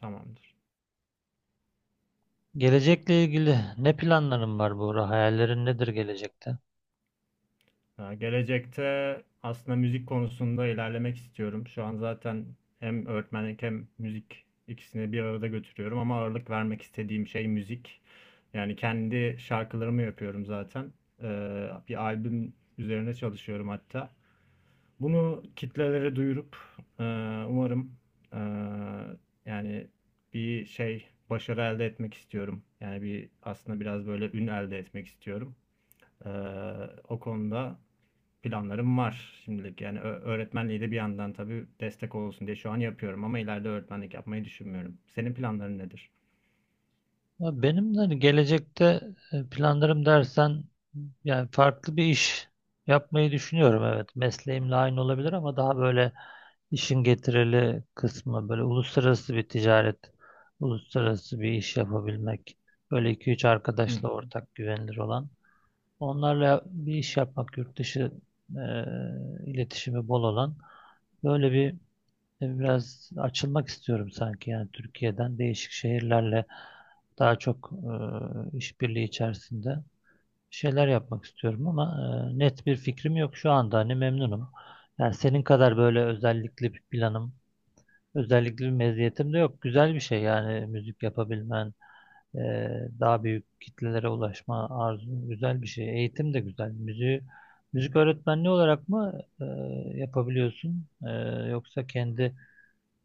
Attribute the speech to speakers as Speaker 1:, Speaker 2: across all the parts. Speaker 1: Tamamdır.
Speaker 2: Gelecekle ilgili ne planların var bu hayallerin nedir gelecekte?
Speaker 1: Gelecekte aslında müzik konusunda ilerlemek istiyorum. Şu an zaten hem öğretmenlik hem müzik ikisini bir arada götürüyorum ama ağırlık vermek istediğim şey müzik. Yani kendi şarkılarımı yapıyorum zaten. Bir albüm üzerine çalışıyorum hatta. Bunu kitlelere duyurup e, umarım e, yani bir şey başarı elde etmek istiyorum. Yani bir aslında biraz böyle ün elde etmek istiyorum. Ee, O konuda planlarım var şimdilik. Yani öğretmenliği de bir yandan tabii destek olsun diye şu an yapıyorum ama ileride öğretmenlik yapmayı düşünmüyorum. Senin planların nedir?
Speaker 2: Ya benim de hani gelecekte planlarım dersen yani farklı bir iş yapmayı düşünüyorum. Evet, mesleğimle aynı olabilir ama daha böyle işin getirili kısmı böyle uluslararası bir ticaret, uluslararası bir iş yapabilmek. Böyle iki üç
Speaker 1: Hı hı.
Speaker 2: arkadaşla ortak güvenilir olan. Onlarla bir iş yapmak, yurt dışı e, iletişimi bol olan. Böyle bir biraz açılmak istiyorum sanki yani Türkiye'den değişik şehirlerle daha çok işbirliği içerisinde şeyler yapmak istiyorum ama net bir fikrim yok şu anda hani memnunum. Yani senin kadar böyle özellikli bir planım, özellikli bir meziyetim de yok. Güzel bir şey yani müzik yapabilmen, e, daha büyük kitlelere ulaşma arzun güzel bir şey. Eğitim de güzel. Müziği, müzik öğretmenliği olarak mı yapabiliyorsun yoksa kendi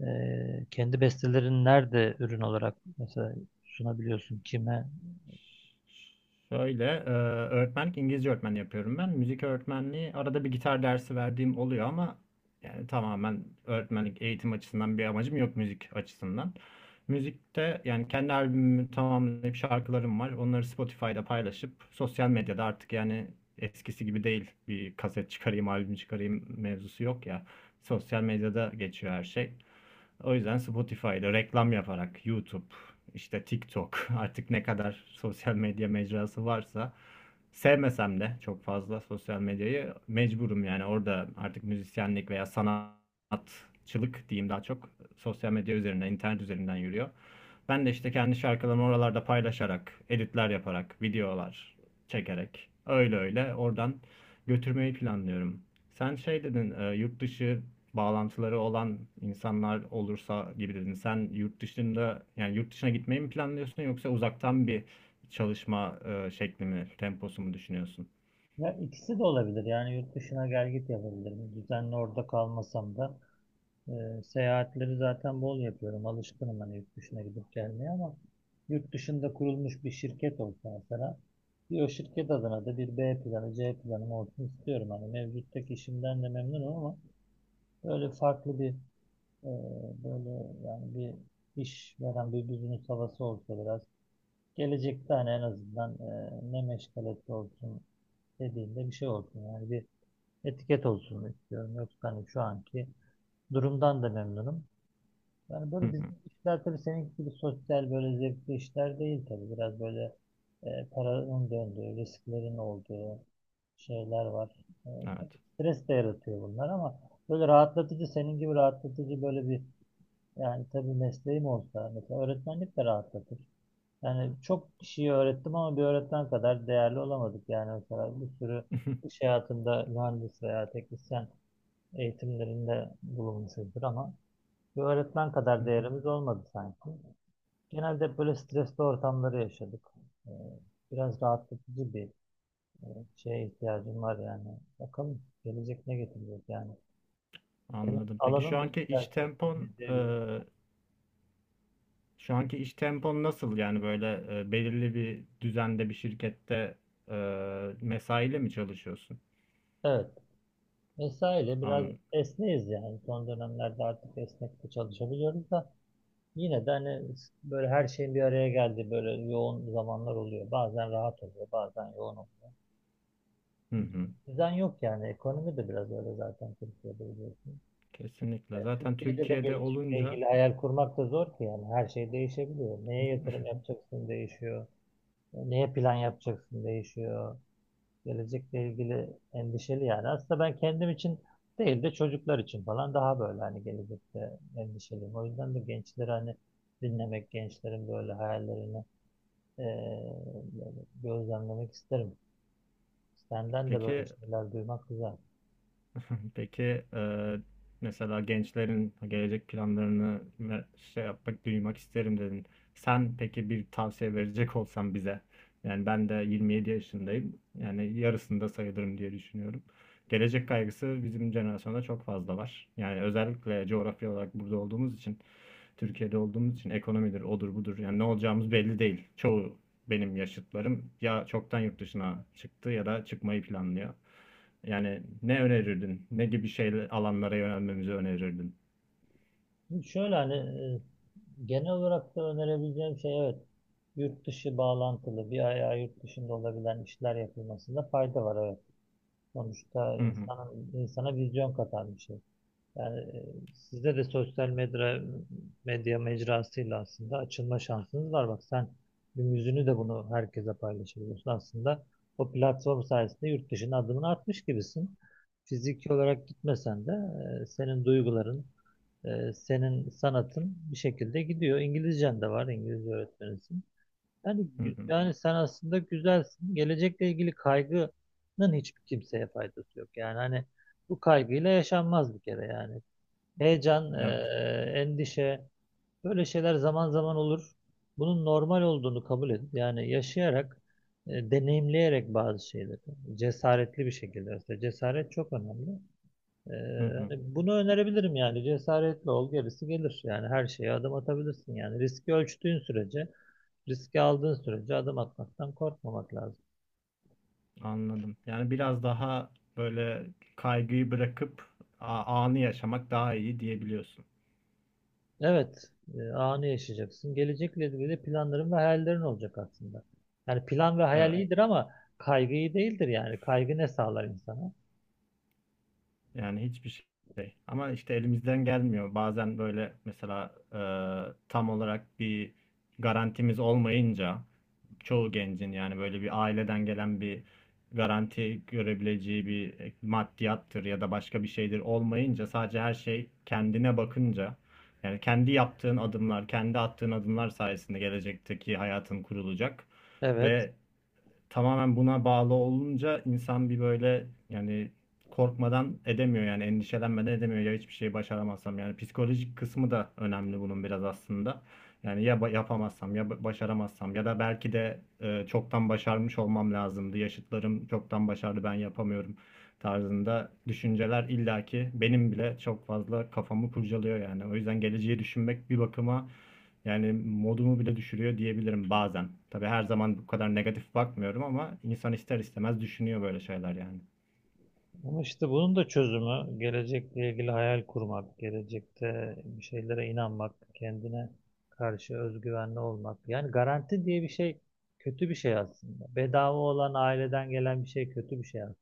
Speaker 2: kendi bestelerini nerede ürün olarak mesela sunabiliyorsun kime?
Speaker 1: Şöyle, öğretmenlik İngilizce öğretmen yapıyorum ben. Müzik öğretmenliği arada bir gitar dersi verdiğim oluyor ama yani tamamen öğretmenlik eğitim açısından bir amacım yok müzik açısından. Müzikte yani kendi albümümü tamamlayıp şarkılarım var. Onları Spotify'da paylaşıp sosyal medyada artık yani eskisi gibi değil. Bir kaset çıkarayım, albüm çıkarayım mevzusu yok ya. Sosyal medyada geçiyor her şey. O yüzden Spotify'da reklam yaparak YouTube, işte TikTok artık ne kadar sosyal medya mecrası varsa sevmesem de çok fazla sosyal medyayı mecburum yani orada artık müzisyenlik veya sanatçılık diyeyim daha çok sosyal medya üzerinden, internet üzerinden yürüyor. Ben de işte kendi şarkılarımı oralarda paylaşarak, editler yaparak, videolar çekerek öyle öyle oradan götürmeyi planlıyorum. Sen şey dedin, yurt dışı bağlantıları olan insanlar olursa gibi dedin. Sen yurt dışında yani yurt dışına gitmeyi mi planlıyorsun yoksa uzaktan bir çalışma şekli mi, temposu mu düşünüyorsun?
Speaker 2: Ya ikisi de olabilir. Yani yurt dışına gel git yapabilirim. Düzenli orada kalmasam da e, seyahatleri zaten bol yapıyorum. Alışkınım hani yurt dışına gidip gelmeye ama yurt dışında kurulmuş bir şirket olsa mesela bir o şirket adına da bir B planı, C planım olsun istiyorum. Hani mevcuttaki işimden de memnunum ama böyle farklı bir e, böyle yani bir iş veren bir business havası olsa biraz. Gelecekte hani en azından ne meşgalesi olsun dediğinde bir şey olsun. Yani bir etiket olsun istiyorum. Yoksa hani şu anki durumdan da memnunum. Yani
Speaker 1: Hı
Speaker 2: böyle
Speaker 1: hı.
Speaker 2: bizim işler tabii senin gibi sosyal böyle zevkli işler değil tabii. Biraz böyle paranın döndüğü, risklerin olduğu şeyler var. E, tabii
Speaker 1: Evet.
Speaker 2: stres de yaratıyor bunlar ama böyle rahatlatıcı senin gibi rahatlatıcı böyle bir yani tabii mesleğim olsa mesela öğretmenlik de rahatlatır. Yani çok kişiyi öğrettim ama bir öğretmen kadar değerli olamadık. Yani mesela bir sürü iş hayatında mühendis veya teknisyen eğitimlerinde bulunmuşuzdur ama bir öğretmen kadar değerimiz olmadı sanki. Genelde hep böyle stresli ortamları yaşadık. Ee, Biraz rahatlatıcı bir e, şeye ihtiyacım var yani. Bakalım gelecek ne getirecek yani. Senin
Speaker 1: Anladım. Peki şu
Speaker 2: alanın da
Speaker 1: anki
Speaker 2: güzel,
Speaker 1: iş
Speaker 2: sosyal
Speaker 1: tempon
Speaker 2: medya güzel.
Speaker 1: şu anki iş tempon nasıl? Yani böyle belirli bir düzende bir şirkette e, mesaiyle mi çalışıyorsun?
Speaker 2: Evet. Vesaire biraz
Speaker 1: An,
Speaker 2: esneyiz yani. Son dönemlerde artık esnek de çalışabiliyoruz da. Yine de hani böyle her şeyin bir araya geldiği böyle yoğun zamanlar oluyor. Bazen rahat oluyor, bazen yoğun oluyor.
Speaker 1: hı hı.
Speaker 2: Düzen yok yani. Ekonomi de biraz öyle zaten Türkiye'de biliyorsun.
Speaker 1: Kesinlikle. Zaten
Speaker 2: Türkiye'de de
Speaker 1: Türkiye'de
Speaker 2: gelecekle
Speaker 1: olunca
Speaker 2: ilgili hayal kurmak da zor ki yani. Her şey değişebiliyor. Neye yatırım yapacaksın değişiyor. Neye plan yapacaksın değişiyor. Gelecekle ilgili endişeli yani. Aslında ben kendim için değil de çocuklar için falan daha böyle hani gelecekte endişeliyim. O yüzden de gençleri hani dinlemek, gençlerin böyle hayallerini eee, böyle gözlemlemek isterim. Senden de böyle
Speaker 1: Peki.
Speaker 2: şeyler duymak güzel.
Speaker 1: Peki, e, mesela gençlerin gelecek planlarını ve şey yapmak, duymak isterim dedin. Sen peki bir tavsiye verecek olsan bize. Yani ben de 27 yaşındayım. Yani yarısında sayılırım diye düşünüyorum. Gelecek kaygısı bizim jenerasyonda çok fazla var. Yani özellikle coğrafya olarak burada olduğumuz için, Türkiye'de olduğumuz için ekonomidir, odur budur. Yani ne olacağımız belli değil. Çoğu benim yaşıtlarım ya çoktan yurt dışına çıktı ya da çıkmayı planlıyor. Yani ne önerirdin? Ne gibi şeyler alanlara yönelmemizi önerirdin?
Speaker 2: Şimdi şöyle hani genel olarak da önerebileceğim şey evet, yurt dışı bağlantılı bir ayağı yurt dışında olabilen işler yapılmasında fayda var, evet. Sonuçta
Speaker 1: Hı hı,
Speaker 2: insanın, insana vizyon katan bir şey. Yani sizde de sosyal medya, medya mecrasıyla aslında açılma şansınız var. Bak sen bir yüzünü de bunu herkese paylaşabiliyorsun. Aslında o platform sayesinde yurt dışına adımını atmış gibisin. Fiziki olarak gitmesen de senin duyguların, senin sanatın bir şekilde gidiyor. İngilizcen de var, İngilizce öğretmenisin. Yani,
Speaker 1: hı hı.
Speaker 2: yani sen aslında güzelsin. Gelecekle ilgili kaygının hiçbir kimseye faydası yok. Yani hani bu kaygıyla yaşanmaz bir kere yani. Heyecan,
Speaker 1: Evet.
Speaker 2: endişe, böyle şeyler zaman zaman olur. Bunun normal olduğunu kabul edip yani yaşayarak, deneyimleyerek bazı şeyleri cesaretli bir şekilde, mesela cesaret çok önemli.
Speaker 1: Hı hı.
Speaker 2: Hani bunu önerebilirim yani cesaretli ol, gerisi gelir. Yani her şeye adım atabilirsin yani riski ölçtüğün sürece, riski aldığın sürece adım atmaktan korkmamak lazım.
Speaker 1: Anladım. Yani biraz daha böyle kaygıyı bırakıp anı yaşamak daha iyi diyebiliyorsun.
Speaker 2: Evet, anı yaşayacaksın. Gelecekle ilgili planların ve hayallerin olacak aslında. Yani plan ve hayal, evet,
Speaker 1: Evet.
Speaker 2: iyidir ama kaygı iyi değildir yani. Kaygı ne sağlar insana?
Speaker 1: Yani hiçbir şey. Ama işte elimizden gelmiyor. Bazen böyle mesela tam olarak bir garantimiz olmayınca çoğu gencin yani böyle bir aileden gelen bir garanti görebileceği bir maddiyattır ya da başka bir şeydir olmayınca sadece her şey kendine bakınca yani kendi yaptığın adımlar, kendi attığın adımlar sayesinde gelecekteki hayatın kurulacak
Speaker 2: Evet.
Speaker 1: ve tamamen buna bağlı olunca insan bir böyle yani korkmadan edemiyor yani endişelenmeden edemiyor ya hiçbir şey başaramazsam yani psikolojik kısmı da önemli bunun biraz aslında. Yani yapamazsam başaramazsam ya da belki de çoktan başarmış olmam lazımdı. Yaşıtlarım çoktan başardı ben yapamıyorum tarzında düşünceler illaki benim bile çok fazla kafamı kurcalıyor yani. O yüzden geleceği düşünmek bir bakıma yani modumu bile düşürüyor diyebilirim bazen. Tabii her zaman bu kadar negatif bakmıyorum ama insan ister istemez düşünüyor böyle şeyler yani.
Speaker 2: Ama işte bunun da çözümü gelecekle ilgili hayal kurmak, gelecekte bir şeylere inanmak, kendine karşı özgüvenli olmak. Yani garanti diye bir şey kötü bir şey aslında. Bedava olan, aileden gelen bir şey kötü bir şey aslında.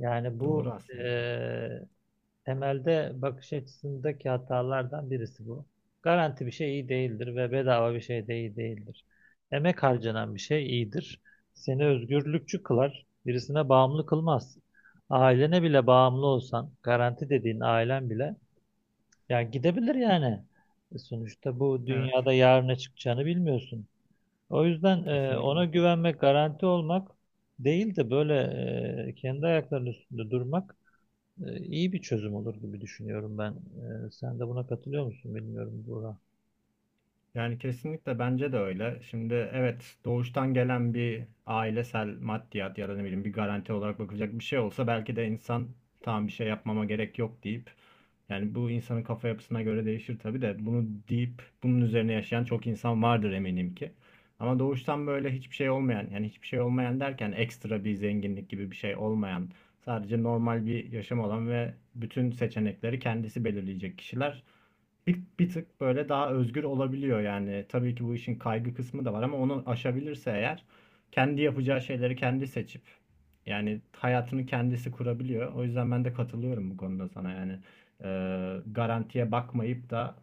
Speaker 2: Yani
Speaker 1: Doğru
Speaker 2: bu
Speaker 1: aslında.
Speaker 2: temelde bakış açısındaki hatalardan birisi bu. Garanti bir şey iyi değildir ve bedava bir şey de iyi değildir. Emek harcanan bir şey iyidir. Seni özgürlükçü kılar, birisine bağımlı kılmaz. Ailene bile bağımlı olsan, garanti dediğin ailen bile, ya gidebilir yani. Sonuçta bu
Speaker 1: Evet,
Speaker 2: dünyada yarına çıkacağını bilmiyorsun. O yüzden ona
Speaker 1: kesinlikle.
Speaker 2: güvenmek, garanti olmak değil de böyle kendi ayaklarının üstünde durmak iyi bir çözüm olur gibi düşünüyorum ben. Sen de buna katılıyor musun bilmiyorum Burak.
Speaker 1: Yani kesinlikle bence de öyle. Şimdi evet doğuştan gelen bir ailesel maddiyat ya da ne bileyim bir garanti olarak bakılacak bir şey olsa belki de insan tamam bir şey yapmama gerek yok deyip yani bu insanın kafa yapısına göre değişir tabii de bunu deyip bunun üzerine yaşayan çok insan vardır eminim ki. Ama doğuştan böyle hiçbir şey olmayan yani hiçbir şey olmayan derken ekstra bir zenginlik gibi bir şey olmayan sadece normal bir yaşam olan ve bütün seçenekleri kendisi belirleyecek kişiler bir tık böyle daha özgür olabiliyor yani. Tabii ki bu işin kaygı kısmı da var ama onu aşabilirse eğer kendi yapacağı şeyleri kendi seçip yani hayatını kendisi kurabiliyor. O yüzden ben de katılıyorum bu konuda sana yani. Garantiye bakmayıp da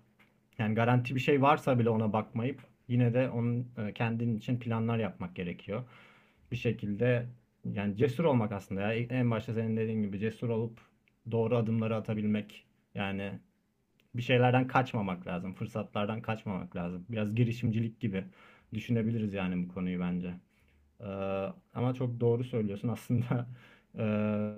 Speaker 1: yani garanti bir şey varsa bile ona bakmayıp yine de onun kendin için planlar yapmak gerekiyor. Bir şekilde yani cesur olmak aslında ya. En başta senin dediğin gibi cesur olup doğru adımları atabilmek yani bir şeylerden kaçmamak lazım. Fırsatlardan kaçmamak lazım. Biraz girişimcilik gibi düşünebiliriz yani bu konuyu bence. Ee, Ama çok doğru söylüyorsun. Aslında e,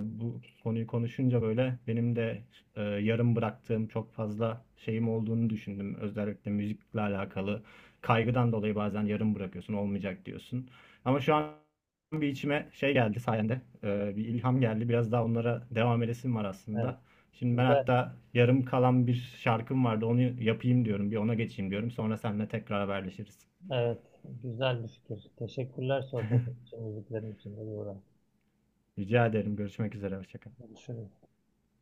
Speaker 1: bu konuyu konuşunca böyle benim de yarım bıraktığım çok fazla şeyim olduğunu düşündüm. Özellikle müzikle alakalı kaygıdan dolayı bazen yarım bırakıyorsun, olmayacak diyorsun. Ama şu an bir içime şey geldi sayende, bir ilham geldi. Biraz daha onlara devam edesim var
Speaker 2: Evet,
Speaker 1: aslında. Şimdi ben
Speaker 2: güzel.
Speaker 1: hatta yarım kalan bir şarkım vardı. Onu yapayım diyorum. Bir ona geçeyim diyorum. Sonra seninle tekrar haberleşiriz.
Speaker 2: Evet, güzel bir fikir. Teşekkürler sohbetin için, müziklerin için de Buğra.
Speaker 1: Rica ederim. Görüşmek üzere. Hoşça kal.
Speaker 2: Görüşürüz.